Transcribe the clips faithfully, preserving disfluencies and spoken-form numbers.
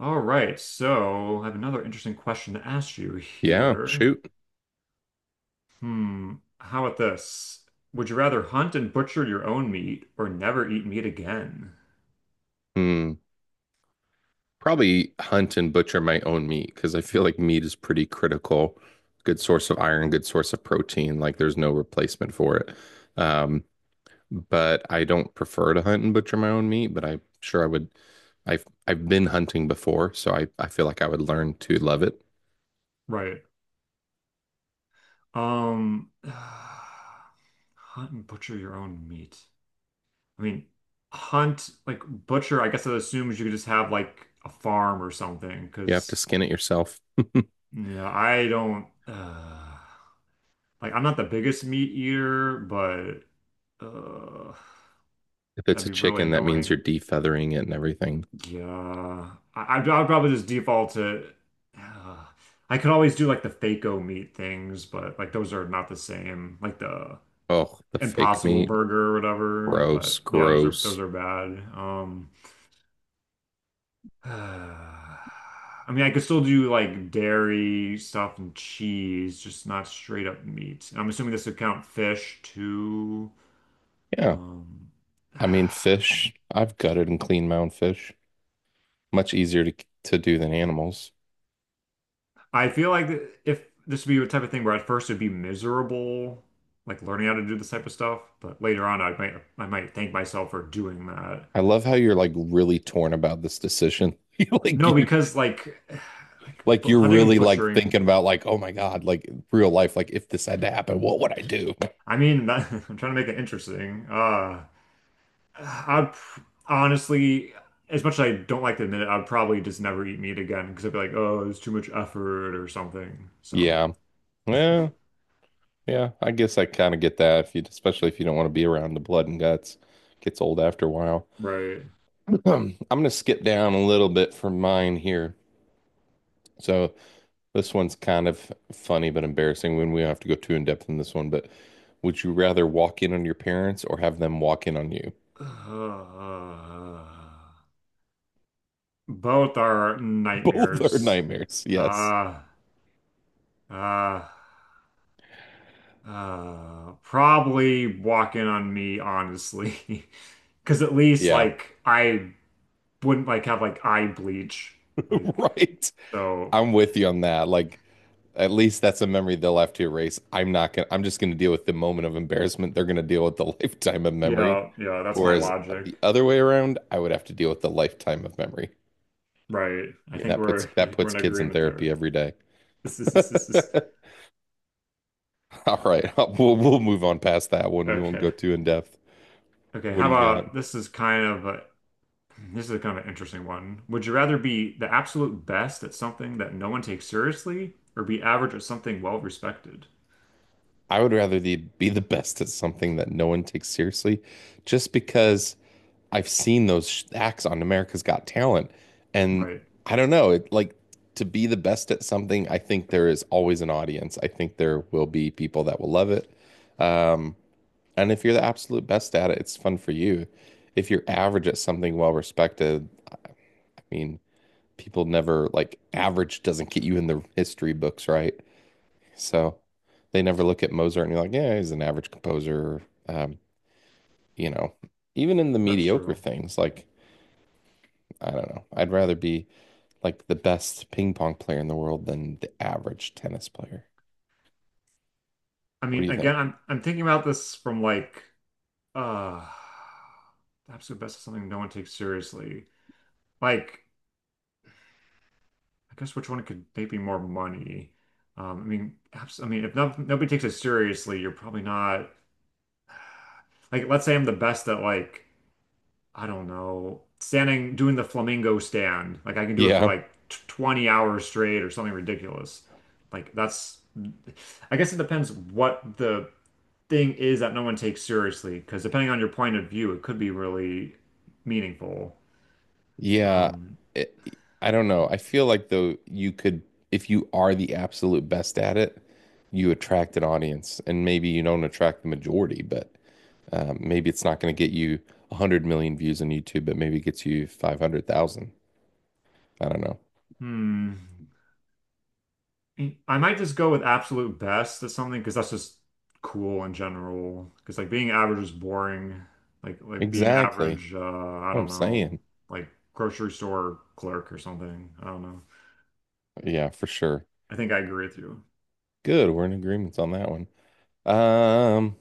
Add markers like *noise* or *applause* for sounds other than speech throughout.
All right, so I have another interesting question to ask you Yeah, here. shoot. Hmm, how about this? Would you rather hunt and butcher your own meat or never eat meat again? Hmm. Probably hunt and butcher my own meat because I feel like meat is pretty critical. Good source of iron, good source of protein. Like there's no replacement for it. Um, but I don't prefer to hunt and butcher my own meat, but I'm sure I would. I've I've been hunting before, so I, I feel like I would learn to love it. Right. Um, *sighs* hunt and butcher your own meat. I mean, hunt, like butcher, I guess that assumes you could just have like a farm or something, You have to because, skin it yourself. you know, I don't, uh, like, I'm not the biggest meat eater, but, uh, If it's that'd a be really chicken, that means you're annoying. defeathering it and everything. Yeah, I, I'd, I'd probably just default to. Uh, I could always do like the Faco meat things, but like those are not the same. Like the Oh, the fake Impossible meat. Burger or whatever. But Gross, yeah, those are those gross. are bad. Um, *sighs* I mean, I could still do like dairy stuff and cheese, just not straight up meat. And I'm assuming this would count fish too. Yeah. Um, *sighs* I mean, fish. I've gutted and cleaned my own fish. Much easier to to do than animals. I feel like if this would be a type of thing where at first it'd be miserable, like learning how to do this type of stuff, but later on I might I might thank myself for doing that. I love how you're like really torn about this decision. *laughs* You like No, you're because like, *sighs* like like bu- you're hunting and really like butchering. thinking about like, oh my God, like real life, like if this had to happen, what would I do? I mean, that, *laughs* I'm trying to make it interesting. Uh, I'd pr- honestly, as much as I don't like to admit it, I'd probably just never eat meat again because I'd be like, oh, it's too much effort or something. So, Yeah, yeah, yeah. I guess I kind of get that if you especially if you don't want to be around the blood and guts. Gets old after a while. right. *clears throat* I'm gonna skip down a little bit from mine here. So this one's kind of funny but embarrassing when we don't have to go too in depth in this one, but would you rather walk in on your parents or have them walk in on you? *sighs* Uh, Both are *laughs* Both are nightmares. nightmares. Yes. Uh, uh, uh, probably walking on me, honestly. *laughs* Because at least, Yeah. *laughs* like, I wouldn't, like, have, like, eye bleach. Like, Right. so, I'm with you on that. Like, at least that's a memory they'll have to erase. I'm not gonna, I'm just gonna deal with the moment of embarrassment. They're gonna deal with the *laughs* lifetime of memory. yeah, yeah, that's my Whereas logic. the other way around, I would have to deal with the lifetime of memory. I Right. I mean, think that we're, puts I that think we're puts in kids in agreement therapy there. every day. This is, this is, this is, *laughs* All right, *laughs* we'll we'll move on past that one. We won't go okay. too in depth. Okay. What How do you got? about this is kind of a *clears throat* This is a kind of an interesting one. Would you rather be the absolute best at something that no one takes seriously, or be average at something well respected? I would rather the, be the best at something that no one takes seriously, just because I've seen those acts on America's Got Talent, and Right. I don't know. It like to be the best at something. I think there is always an audience. I think there will be people that will love it. Um, and if you're the absolute best at it, it's fun for you. If you're average at something, well respected. I mean, people never like average doesn't get you in the history books, right? So they never look at Mozart and you're like, yeah, he's an average composer. Um, you know, even in the That's mediocre true. things, like I don't know, I'd rather be like the best ping pong player in the world than the average tennis player. I What do mean, you think? again, I'm I'm thinking about this from like uh the absolute best at something no one takes seriously. Like, I guess which one could maybe more money? Um, I mean, abs I mean, if no, nobody takes it seriously, you're probably not like. Let's say I'm the best at like I don't know, standing, doing the flamingo stand. Like I can do it for Yeah, like t twenty hours straight or something ridiculous. Like that's, I guess it depends what the thing is that no one takes seriously, because depending on your point of view, it could be really meaningful. yeah. Um, It, I don't know. I feel like though you could, if you are the absolute best at it, you attract an audience, and maybe you don't attract the majority, but. Um, maybe it's not going to get you one hundred million views on YouTube, but maybe it gets you five hundred thousand. I don't know. hmm. Mm, I might just go with absolute best at something because that's just cool in general. Because like being average is boring. Like like being Exactly. average, uh, I What I'm don't know, saying. like grocery store clerk or something. I don't know. Yeah, for sure. I think I agree with you. Good. We're in agreements on that one. Um,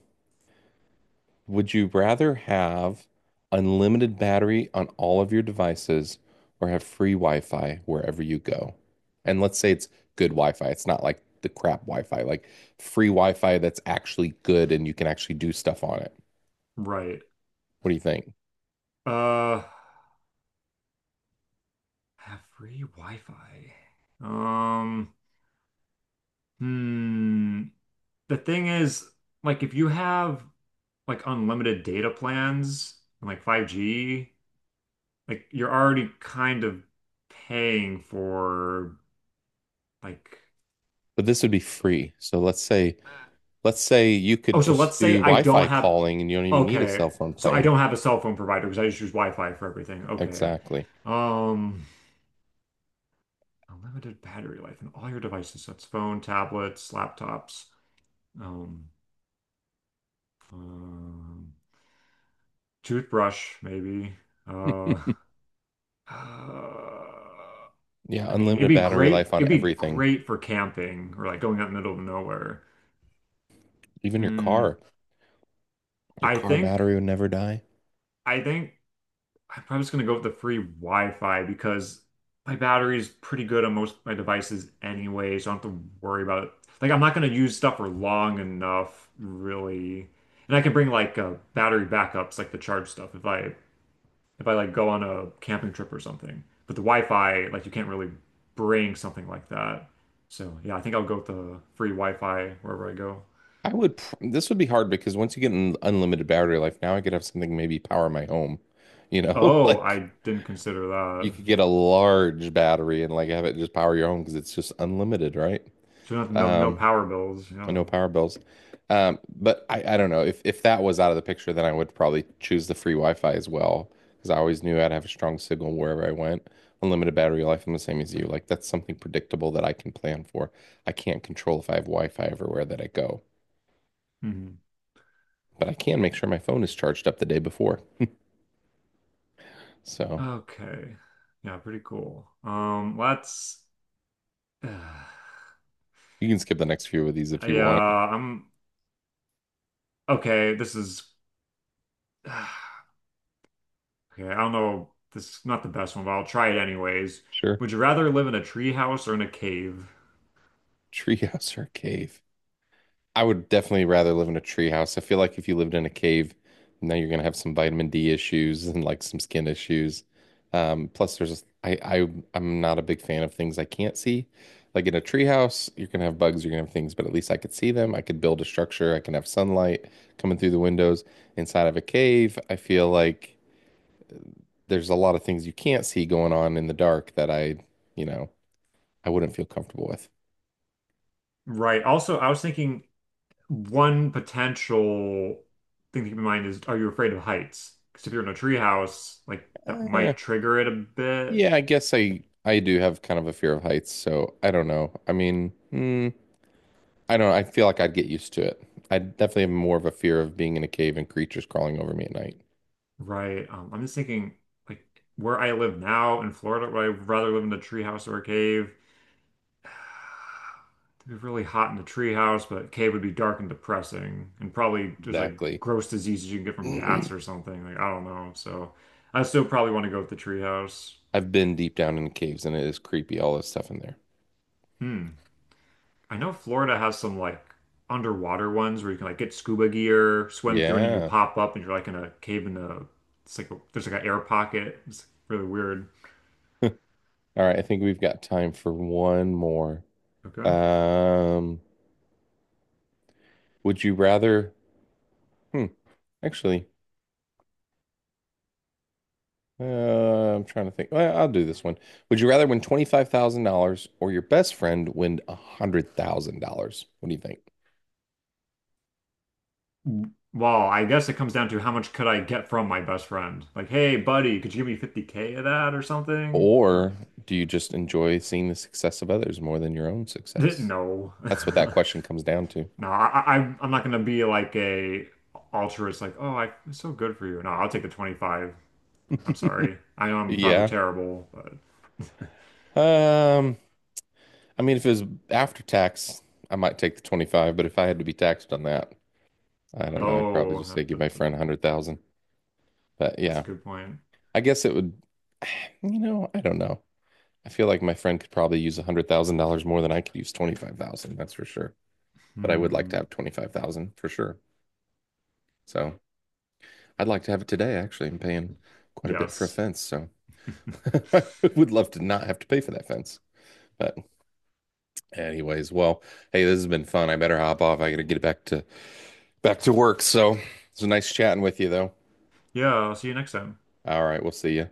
would you rather have unlimited battery on all of your devices or have free Wi-Fi wherever you go? And let's say it's good Wi-Fi. It's not like the crap Wi-Fi, like free Wi-Fi that's actually good and you can actually do stuff on it. Right. What do you think? Uh, have free Wi-Fi. Um, hmm. The thing is, like, if you have like unlimited data plans and like five G. Like you're already kind of paying for like But this would be free. So let's say Let's say you could oh so just let's do say I don't Wi-Fi have, calling and you don't even need a okay, cell phone so I plan. don't have a cell phone provider because I just use Wi-Fi for everything. Okay. Exactly. um unlimited battery life in all your devices, that's phone, tablets, laptops, um, um toothbrush maybe. uh, *laughs* uh, Yeah, I mean it'd unlimited be battery great life on it'd be everything, great for camping or like going out in the middle of nowhere. even your hmm car. Your I car think battery would never die. I think I'm probably just gonna go with the free Wi-Fi because my battery is pretty good on most of my devices anyway, so I don't have to worry about it. Like I'm not gonna use stuff for long enough, really. And I can bring like uh, battery backups, like the charge stuff, if I if I like go on a camping trip or something. But the Wi-Fi, like you can't really bring something like that. So yeah, I think I'll go with the free Wi-Fi wherever I go. I would, pr- this would be hard because once you get an unlimited battery life, now I could have something maybe power my home. You know, *laughs* Oh, like I didn't consider you that. could get a large battery and like have it just power your home because it's just unlimited, right? So no, no no Um, power bills. I Yeah. know power bills. Um, but I, I don't know if if that was out of the picture, then I would probably choose the free Wi-Fi as well because I always knew I'd have a strong signal wherever I went. Unlimited battery life, I'm the same as you. Like that's something predictable that I can plan for. I can't control if I have Wi-Fi everywhere that I go, Mhm. but I can make sure my phone is charged up the day before. So Okay. Yeah, pretty cool. Um, let's *sighs* you can skip the next few of these if you want. yeah, I'm okay, this is *sighs* okay, I don't know. This is not the best one, but I'll try it anyways. Sure. Would you rather live in a tree house or in a cave? Treehouse or cave? I would definitely rather live in a tree house. I feel like if you lived in a cave, now you're gonna have some vitamin D issues and like some skin issues. Um, plus, there's I, I I'm not a big fan of things I can't see. Like in a tree house, you're gonna have bugs, you're gonna have things, but at least I could see them. I could build a structure. I can have sunlight coming through the windows. Inside of a cave, I feel like there's a lot of things you can't see going on in the dark that I, you know, I wouldn't feel comfortable with. Right. Also, I was thinking one potential thing to keep in mind is, are you afraid of heights? Because if you're in a tree house, like that Eh, might trigger it a bit. yeah, I guess I I do have kind of a fear of heights, so I don't know. I mean, mm, I don't know. I feel like I'd get used to it. I definitely have more of a fear of being in a cave and creatures crawling over me at night. Right. Um, I'm just thinking like where I live now in Florida, would I rather live in a tree house or a cave? It'd be really hot in the treehouse, but cave would be dark and depressing, and probably there's like Exactly. gross diseases you can get from bats *clears throat* or something. Like I don't know. So I still probably want to go with the treehouse. I've been deep down in caves and it is creepy, all this stuff in there. Hmm. I know Florida has some like underwater ones where you can like get scuba gear, swim through, and then you Yeah. pop up and you're like in a cave in a. It's like a, there's like an air pocket. It's really weird. *laughs* All right, I think we've got time for one more. Okay. Um, would you rather? Hmm, actually. Uh, I'm trying to think. Well, I'll do this one. Would you rather win twenty-five thousand dollars or your best friend win one hundred thousand dollars? What do you think? Well, I guess it comes down to how much could I get from my best friend? Like, hey, buddy, could you give me fifty K of that or something? Or Or do you just enjoy seeing the success of others more than your own *laughs* success? no. That's what that *laughs* question comes down to. No, I, I, I'm I'm not gonna be like a altruist, like, oh, I, it's so good for you. No, I'll take the twenty-five. I'm sorry. I know I'm probably Yeah. terrible, but Um, I mean, if it was after tax, I might take the twenty-five, but if I had to be taxed on that, I don't know. I'd probably oh, just say that, give my that, that- friend one hundred thousand. But that's a yeah, good point. I guess it would, *sighs* you know, I don't know. I feel like my friend could probably use a hundred thousand dollars more than I could use twenty five thousand. Dollars, that's for sure. But I would like to Hmm. have twenty five thousand dollars for sure. So I'd like to have it today. Actually, I'm paying quite a bit for a Yes. fence, so *laughs* *laughs* I would love to not have to pay for that fence. But anyways, well, hey, this has been fun. I better hop off. I gotta get back to back to work. So it's nice chatting with you, though. Yeah, I'll see you next time. All right, we'll see you.